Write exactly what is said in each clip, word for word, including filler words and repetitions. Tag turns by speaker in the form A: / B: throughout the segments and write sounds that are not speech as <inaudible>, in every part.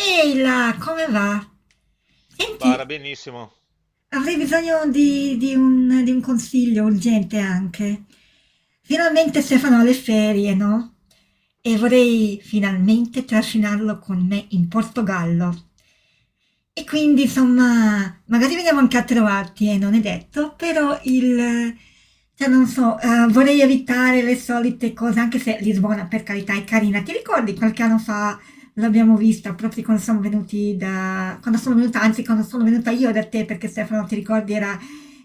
A: Ehi là, come va? Senti,
B: Bara, benissimo.
A: avrei bisogno di, di un, di un consiglio urgente anche. Finalmente Stefano ha le ferie, no? E vorrei finalmente trascinarlo con me in Portogallo. E quindi, insomma, magari veniamo anche a trovarti, eh, non è detto, però il... Cioè, non so, eh, vorrei evitare le solite cose, anche se Lisbona, per carità, è carina. Ti ricordi qualche anno fa l'abbiamo vista proprio quando siamo venuti da... quando sono venuta, anzi quando sono venuta io da te, perché Stefano, ti ricordi, era,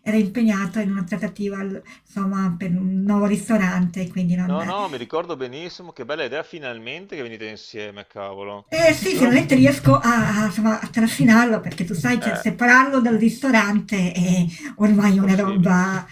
A: era impegnato in una trattativa, al- insomma, per un nuovo ristorante, quindi non...
B: No, no, mi ricordo benissimo. Che bella idea finalmente che venite insieme, cavolo.
A: Eh sì,
B: Allora,
A: finalmente riesco a, a- insomma, a trascinarlo, perché tu sai, cioè,
B: eh,
A: separarlo dal ristorante è ormai una
B: impossibile.
A: roba...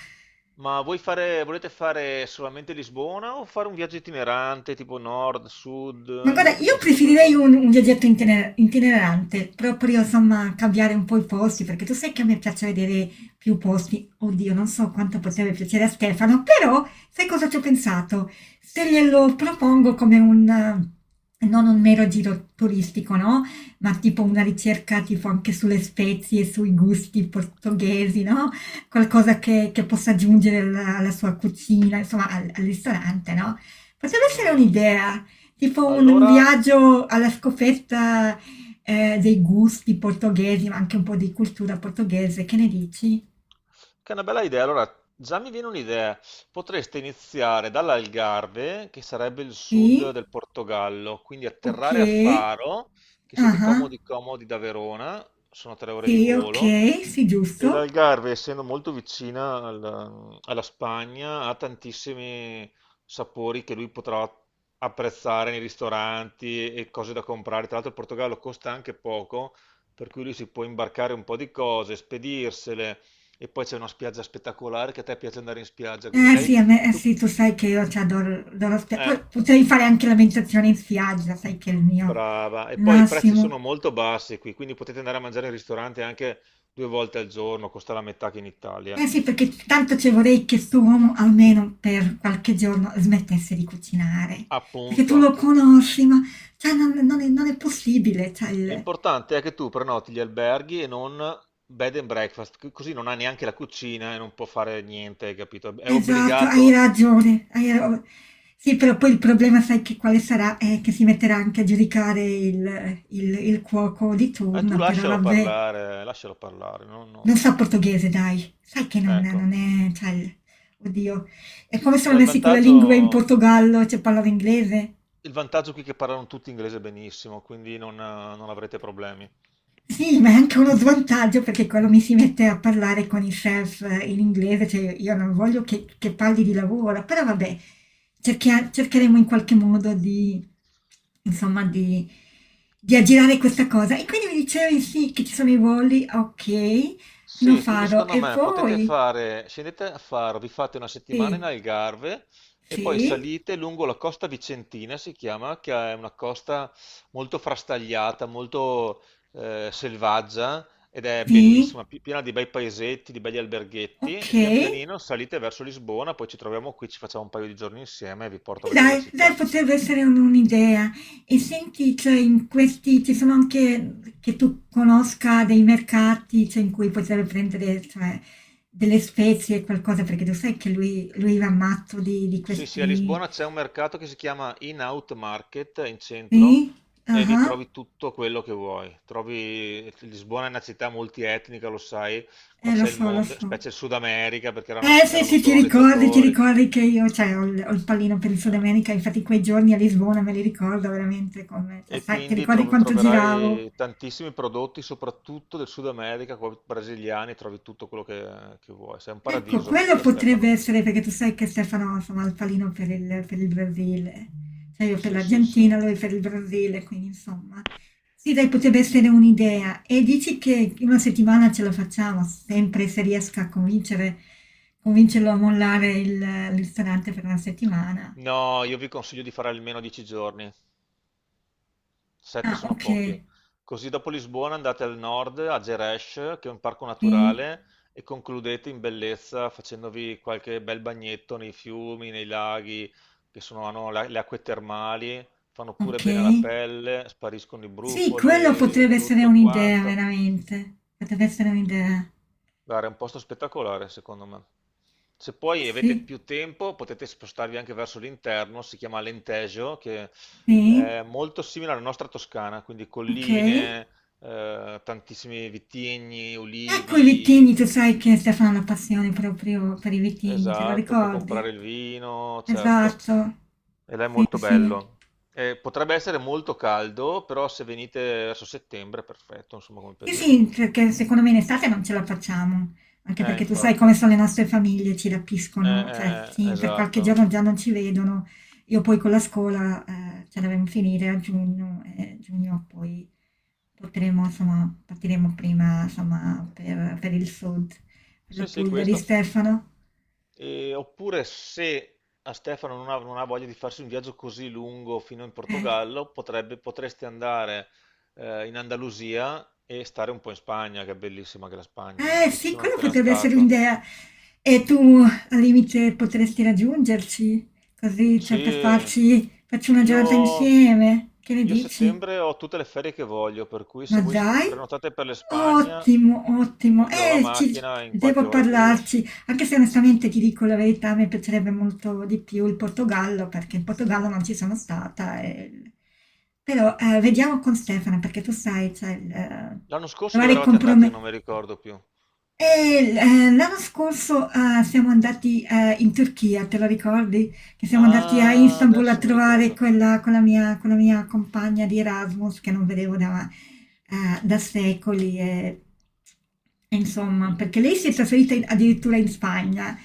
B: Ma voi fare, volete fare solamente Lisbona o fare un viaggio itinerante tipo nord, sud?
A: Ma guarda,
B: Avete
A: io
B: pensato a
A: preferirei
B: qualcosa?
A: un, un viaggetto itine- itinerante, proprio insomma cambiare un po' i posti, perché tu sai che a me piace vedere più posti. Oddio, non so quanto potrebbe piacere a Stefano, però sai cosa ci ho pensato? Se glielo propongo come un, eh, non un mero giro turistico, no? Ma tipo una ricerca tipo anche sulle spezie, sui gusti portoghesi, no? Qualcosa che, che possa aggiungere alla, alla sua cucina, insomma al al ristorante, no? Potrebbe essere
B: Mm.
A: un'idea. Tipo un, un
B: Allora,
A: viaggio alla scoperta eh, dei gusti portoghesi, ma anche un po' di cultura portoghese, che ne dici?
B: Che è una bella idea. Allora, già mi viene un'idea. Potreste iniziare dall'Algarve, che sarebbe il sud
A: Sì?
B: del Portogallo, quindi
A: Ok.
B: atterrare a Faro, che siete
A: Ah,
B: comodi comodi da Verona, sono tre ore di
A: sì,
B: volo,
A: ok, sì,
B: e
A: giusto.
B: l'Algarve, essendo molto vicina al- alla Spagna, ha tantissimi sapori che lui potrà apprezzare nei ristoranti e cose da comprare. Tra l'altro il Portogallo costa anche poco, per cui lui si può imbarcare un po' di cose, spedirsele, e poi c'è una spiaggia spettacolare che a te piace andare in spiaggia, quindi
A: Eh
B: lei.
A: sì, a me, eh,
B: tu-
A: sì, tu sai che io ti adoro, adoro spia-
B: eh,
A: poi potrei fare anche la meditazione in spiaggia, sai che è il mio
B: Brava. E poi i prezzi sono
A: massimo.
B: molto bassi qui, quindi potete andare a mangiare in ristorante anche due volte al giorno, costa la metà che in Italia.
A: Eh sì, perché tanto ci vorrei che sto uomo almeno per qualche giorno smettesse di cucinare, perché tu lo
B: Appunto.
A: conosci, ma cioè, non, non è, non è possibile. Cioè, il-
B: L'importante è che tu prenoti gli alberghi e non bed and breakfast, c- così non ha neanche la cucina e non può fare niente, hai capito? È
A: Esatto, hai
B: obbligato.
A: ragione. hai ra- Sì, però poi il problema, sai che quale sarà? È che si metterà anche a giudicare il, il- il cuoco di
B: E tu
A: turno, però
B: lascialo
A: vabbè,
B: parlare, lascialo parlare. non-
A: non sa
B: non-
A: portoghese, dai. Sai che non, non
B: Ecco.
A: è... Cioè, il- oddio, è come sono
B: Beh, il
A: messi con la lingua in
B: vantaggio,
A: Portogallo, cioè parlano inglese.
B: il vantaggio qui è che parlano tutti inglese benissimo, quindi non, eh, non avrete problemi.
A: Sì, ma è anche uno svantaggio perché quando mi si mette a parlare con i chef eh, in inglese, cioè io non voglio che, che parli di lavoro, però vabbè, cerchia- cercheremo in qualche modo di, insomma, di, di aggirare questa cosa. E quindi mi dicevi sì, che ci sono i voli, ok, lo
B: Sì, quindi
A: farò.
B: secondo
A: E
B: me potete
A: poi,
B: fare, scendete a fare, vi fate una settimana
A: sì,
B: in Algarve e poi
A: sì,
B: salite lungo la costa vicentina, si chiama, che è una costa molto frastagliata, molto eh, selvaggia, ed è
A: sì,
B: bellissima, pi- piena di bei paesetti, di belli alberghetti,
A: ok.
B: e pian pianino salite verso Lisbona, poi ci troviamo qui, ci facciamo un paio di giorni insieme e vi porto
A: E
B: a vedere la
A: dai, dai,
B: città.
A: potrebbe essere un- un'idea. E senti, cioè, in questi ci sono anche che tu conosca dei mercati, cioè, in cui potrebbe prendere, cioè, delle spezie e qualcosa, perché tu sai che lui, lui va matto di, di
B: Sì, sì, a
A: questi...
B: Lisbona c'è un mercato che si chiama In-Out Market in centro
A: Sì?
B: e lì
A: Ah,
B: trovi tutto quello che vuoi. Trovi... Lisbona è una città multietnica, lo sai, qua
A: eh, lo
B: c'è il
A: so, lo
B: mondo,
A: so.
B: specie il Sud America perché erano,
A: Eh sì,
B: erano
A: sì, ti ricordi, ti
B: colonizzatori.
A: ricordi che io cioè, ho, il, ho il pallino per il Sud
B: eh,
A: America, infatti quei giorni a Lisbona me li ricordo veramente come, cioè,
B: e
A: sai, ti
B: quindi
A: ricordi
B: tro-
A: quanto giravo?
B: troverai tantissimi prodotti, soprattutto del Sud America, qua brasiliani, trovi tutto quello che, che vuoi. Sei un
A: Ecco,
B: paradiso
A: quello
B: per
A: potrebbe
B: Stefano.
A: essere perché tu sai che Stefano insomma, ha il palino per il, per il Brasile, cioè io per
B: Sì, sì, sì.
A: l'Argentina, lui per il Brasile, quindi insomma. Sì, dai, potrebbe essere un'idea. E dici che in una settimana ce la facciamo, sempre se riesco a convincere, convincerlo a mollare il, il ristorante per una settimana.
B: No, io vi consiglio di fare almeno dieci giorni. Sette
A: Ah,
B: sono
A: ok,
B: pochi. Così dopo Lisbona andate al nord, a Gerês, che è un parco
A: sì,
B: naturale, e concludete in bellezza facendovi qualche bel bagnetto nei fiumi, nei laghi, che sono, hanno la- le acque termali, fanno pure
A: ok.
B: bene alla pelle, spariscono i
A: Sì, quello
B: brufoli,
A: potrebbe essere
B: tutto
A: un'idea,
B: quanto.
A: veramente. Potrebbe essere un'idea.
B: Guarda, è un posto spettacolare, secondo me. Se
A: Sì,
B: poi avete
A: sì,
B: più tempo, potete spostarvi anche verso l'interno, si chiama Alentejo, che
A: sì.
B: è molto simile alla nostra Toscana, quindi
A: Okay.
B: colline, eh, tantissimi vitigni,
A: Ecco i
B: olivi,
A: vitigni, tu sai che Stefano ha una passione proprio per i vitigni, te lo
B: esatto, può comprare
A: ricordi?
B: il vino, certo,
A: Esatto.
B: e là è
A: Sì,
B: molto
A: sì.
B: bello. Eh, potrebbe essere molto caldo, però se venite verso settembre è perfetto, insomma, come
A: Sì,
B: periodo.
A: sì,
B: non-
A: perché secondo me in estate non ce la facciamo, anche
B: Eh,
A: perché tu sai
B: infatti,
A: come
B: eh,
A: sono le nostre famiglie, ci
B: eh,
A: rapiscono, cioè
B: eh,
A: sì, per qualche
B: esatto.
A: giorno già non ci vedono. Io poi con la scuola, ehm, ce la devo finire a giugno e giugno poi potremo insomma partiremo prima, insomma, per per il sud, per
B: Sì,
A: la
B: sì,
A: Puglia di
B: questo.
A: Stefano.
B: E- oppure se a Stefano non ha, non ha voglia di farsi un viaggio così lungo fino in
A: Eh.
B: Portogallo, potrebbe, potresti andare eh, in Andalusia e stare un po' in Spagna, che è bellissima anche la Spagna.
A: Eh
B: Io ci
A: sì,
B: sono
A: quella
B: appena
A: potrebbe essere
B: stato.
A: un'idea. E tu al limite potresti raggiungerci, così cioè, per
B: Sì,
A: farci facci una giornata
B: io,
A: insieme. Che ne
B: io a
A: dici?
B: settembre ho tutte le ferie che voglio, per cui
A: Ma
B: se voi s-
A: dai,
B: prenotate per l'Espagna,
A: ottimo, ottimo.
B: io ho la
A: Eh, ci,
B: macchina e in qualche
A: devo
B: ora arrivo.
A: parlarci, anche se onestamente ti dico la verità, mi piacerebbe molto di più il Portogallo, perché in Portogallo non ci sono stata. E- Però eh, vediamo con Stefano, perché tu sai, cioè, il, eh,
B: L'anno scorso
A: trovare
B: dove
A: i
B: eravate andati? Io
A: compromessi.
B: non mi ricordo più.
A: E l- eh, l'anno scorso eh, siamo andati eh, in Turchia, te lo ricordi? Che siamo andati a
B: Ah,
A: Istanbul a
B: adesso mi
A: trovare
B: ricordo.
A: quella, quella mia, quella mia compagna di Erasmus che non vedevo da, eh, da secoli. E, e insomma,
B: I-
A: perché lei si è trasferita in- addirittura in Spagna,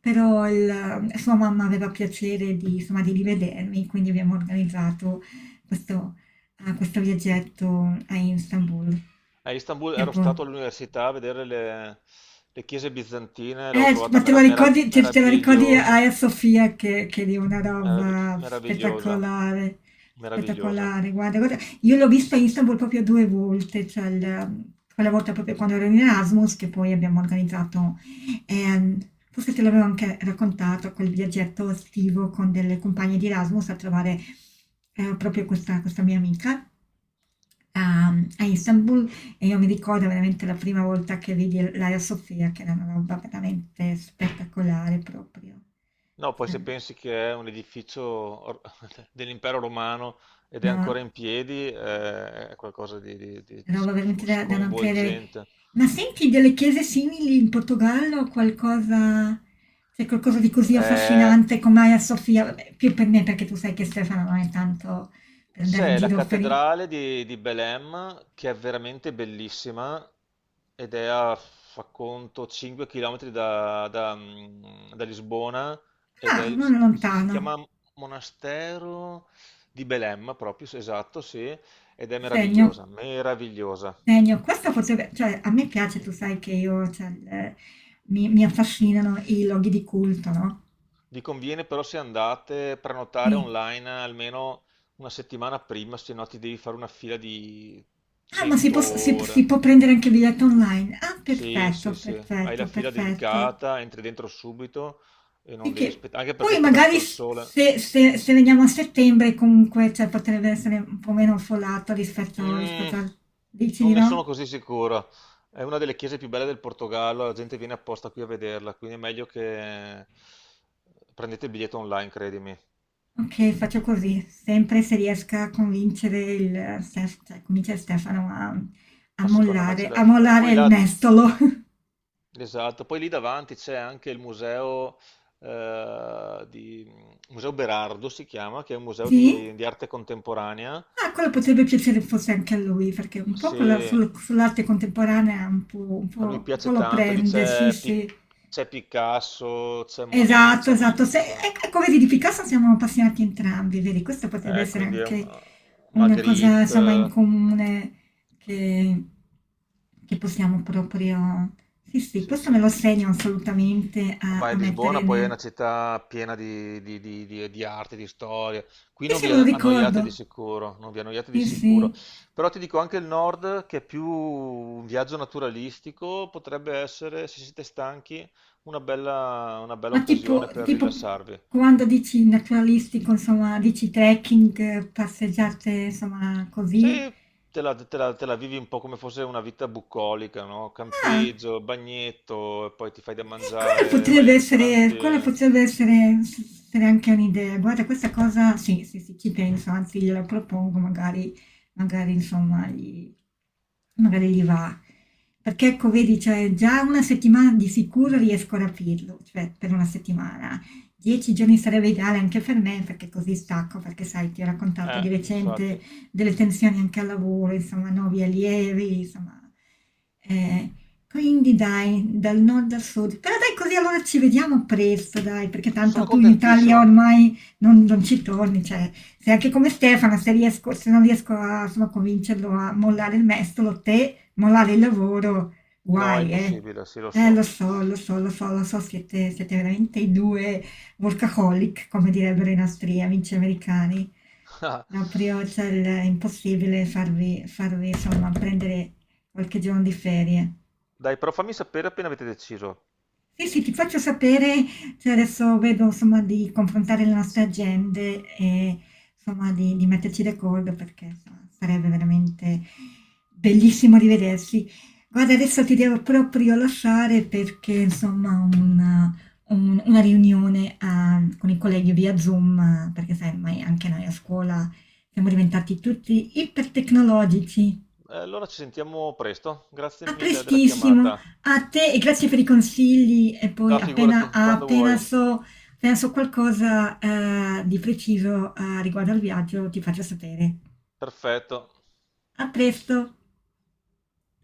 A: però il- eh, sua mamma aveva piacere di, insomma, di rivedermi, quindi abbiamo organizzato questo, eh, questo viaggetto a Istanbul.
B: A Istanbul
A: E
B: ero
A: poi-
B: stato all'università a vedere le, le chiese bizantine, l'ho
A: Eh,
B: trovata
A: ma te
B: mera-
A: la
B: mera-
A: ricordi, te, te la ricordi
B: meravigliosa,
A: Aya Sofia che, che è di una
B: meravi-
A: roba
B: meravigliosa,
A: spettacolare,
B: meravigliosa.
A: spettacolare. Guarda, guarda, io l'ho vista a Istanbul proprio due volte, cioè il- quella volta proprio quando ero in Erasmus, che poi abbiamo organizzato, ehm, forse te l'avevo anche raccontato, quel viaggetto estivo con delle compagne di Erasmus a trovare eh, proprio questa, questa mia amica a a Istanbul e io mi ricordo veramente la prima volta che vidi l l'Aia Sofia, che era una roba veramente spettacolare proprio.
B: No, poi
A: Cioè,
B: se pensi che è un edificio or- <laughs> dell'Impero Romano ed è
A: no,
B: ancora in piedi, eh, è qualcosa di, di- di- di
A: roba
B: sc-
A: veramente da da non credere.
B: sconvolgente.
A: Ma senti delle chiese simili in Portogallo? Qualcosa C'è qualcosa di così
B: Eh,
A: affascinante come Aia Sofia? Vabbè, più per me perché tu sai che Stefano non è tanto per andare in
B: C'è la
A: giro per i
B: cattedrale di, di Belém che è veramente bellissima ed è a, fa conto, cinque chilometri da, da, mm, da Lisbona ed
A: ah,
B: è,
A: non è
B: si
A: lontano,
B: chiama Monastero di Belém proprio, sì, esatto, sì, ed è
A: segno.
B: meravigliosa, meravigliosa.
A: Genio, questa potrebbe, cioè a me piace, tu sai che io, cioè, il- mi, mi affascinano i loghi di culto, no?
B: Vi conviene però, se andate, prenotare
A: Sì.
B: online almeno una settimana prima, se no ti devi fare una fila di
A: Ah, ma si
B: cento
A: può, si- si
B: ore.
A: può prendere anche il biglietto online. Ah,
B: Sì,
A: perfetto,
B: sì, sì, hai la
A: perfetto,
B: fila
A: perfetto.
B: dedicata, entri dentro subito e
A: E
B: non
A: che
B: devi aspettare, anche perché
A: poi
B: aspettare
A: magari
B: sotto il
A: s-
B: sole.
A: se, se- se veniamo a settembre comunque cioè, potrebbe essere un po' meno affollato rispetto,
B: Mm,
A: rispetto al... Dici
B: non
A: di
B: ne sono
A: no?
B: così sicuro. È una delle chiese più belle del Portogallo, la gente viene apposta qui a vederla, quindi è meglio che prendete il biglietto online, credimi.
A: Okay, faccio così, sempre se riesca a convincere il Stef cioè convincere Stefano a a
B: Ma secondo me ce
A: mollare a
B: la fai.
A: mollare
B: Poi
A: il
B: là,
A: mestolo. <laughs>
B: esatto, poi lì davanti c'è anche il museo, eh, di, Museo Berardo si chiama, che è un museo
A: Sì?
B: di di arte contemporanea.
A: Ah, quello potrebbe piacere forse anche a lui, perché un po'
B: Sì,
A: con la sul sull'arte contemporanea un po' un
B: a lui
A: po' un po'
B: piace
A: lo
B: tanto, lì
A: prende, sì,
B: c'è Pi-
A: sì.
B: c'è Picasso, c'è Monet,
A: Esatto,
B: c'è
A: esatto.
B: Man-
A: Se,
B: c'è-
A: ec- Ecco, vedi, di Picasso siamo appassionati entrambi, vedi, questa potrebbe
B: eh,
A: essere
B: quindi è un-
A: anche una cosa, insomma, in
B: Magritte,
A: comune che, che possiamo proprio... Sì, sì,
B: sì
A: questo me lo
B: sì.
A: segno assolutamente a,
B: Vai a
A: a mettere
B: Lisbona, poi è
A: nel...
B: una città piena di, di- di- di- di arte, di storia. Qui
A: Sì,
B: non
A: sì,
B: vi
A: me lo
B: annoiate di
A: ricordo.
B: sicuro, non vi annoiate di
A: Sì,
B: sicuro.
A: sì.
B: Però ti dico anche il nord, che è più un viaggio naturalistico, potrebbe essere, se siete stanchi, una bella, una bella
A: Ma tipo,
B: occasione per
A: tipo
B: rilassarvi.
A: quando dici naturalistico, insomma, dici trekking, passeggiate, insomma,
B: Sì,
A: così.
B: te la, te la- te la vivi un po' come fosse una vita bucolica, no?
A: Ah,
B: Campeggio, bagnetto, e poi ti fai da
A: e quella
B: mangiare, vai
A: potrebbe
B: al
A: essere, quella
B: ristorante.
A: potrebbe essere, s- essere anche un'idea. Guarda, questa cosa, sì, sì, sì, ci penso, anzi gliela propongo, magari, magari insomma, gli, magari gli va. Perché ecco, vedi, cioè, già una settimana di sicuro riesco a rapirlo, cioè per una settimana. Dieci giorni sarebbe ideale anche per me, perché così stacco, perché sai, ti ho raccontato di
B: Eh,
A: recente
B: infatti.
A: delle tensioni anche al lavoro, insomma, nuovi allievi, insomma. Eh, quindi dai, dal nord al sud. Però dai, così allora ci vediamo presto, dai, perché
B: Sono
A: tanto tu in Italia
B: contentissimo.
A: ormai non, non ci torni, cioè, sei anche come Stefano, se riesco, se non riesco a, insomma, a convincerlo a mollare il mestolo, te, mollare il lavoro,
B: No, è
A: guai, eh.
B: impossibile, sì, lo
A: Eh, lo
B: so.
A: so, lo so, lo so, lo so, siete, siete veramente i due workaholic, come direbbero i nostri amici americani. Proprio,
B: <laughs>
A: cioè, il- è impossibile farvi, farvi, insomma, prendere qualche giorno di ferie.
B: Dai, però fammi sapere appena avete deciso.
A: Sì, sì, ti faccio sapere, cioè adesso vedo insomma di confrontare le nostre agende e insomma di, di metterci d'accordo perché insomma, sarebbe veramente bellissimo rivedersi. Guarda, adesso ti devo proprio lasciare perché insomma ho una, un- una riunione ah, con i colleghi via Zoom, ah, perché sai, ormai anche noi a scuola siamo diventati tutti ipertecnologici.
B: Eh, allora ci sentiamo presto. Grazie
A: A
B: mille della
A: prestissimo,
B: chiamata.
A: a te e grazie per i consigli. E poi
B: Va,
A: appena,
B: figurati, quando
A: appena
B: vuoi.
A: so, appena so qualcosa eh, di preciso eh, riguardo al viaggio, ti faccio sapere.
B: Perfetto.
A: A presto!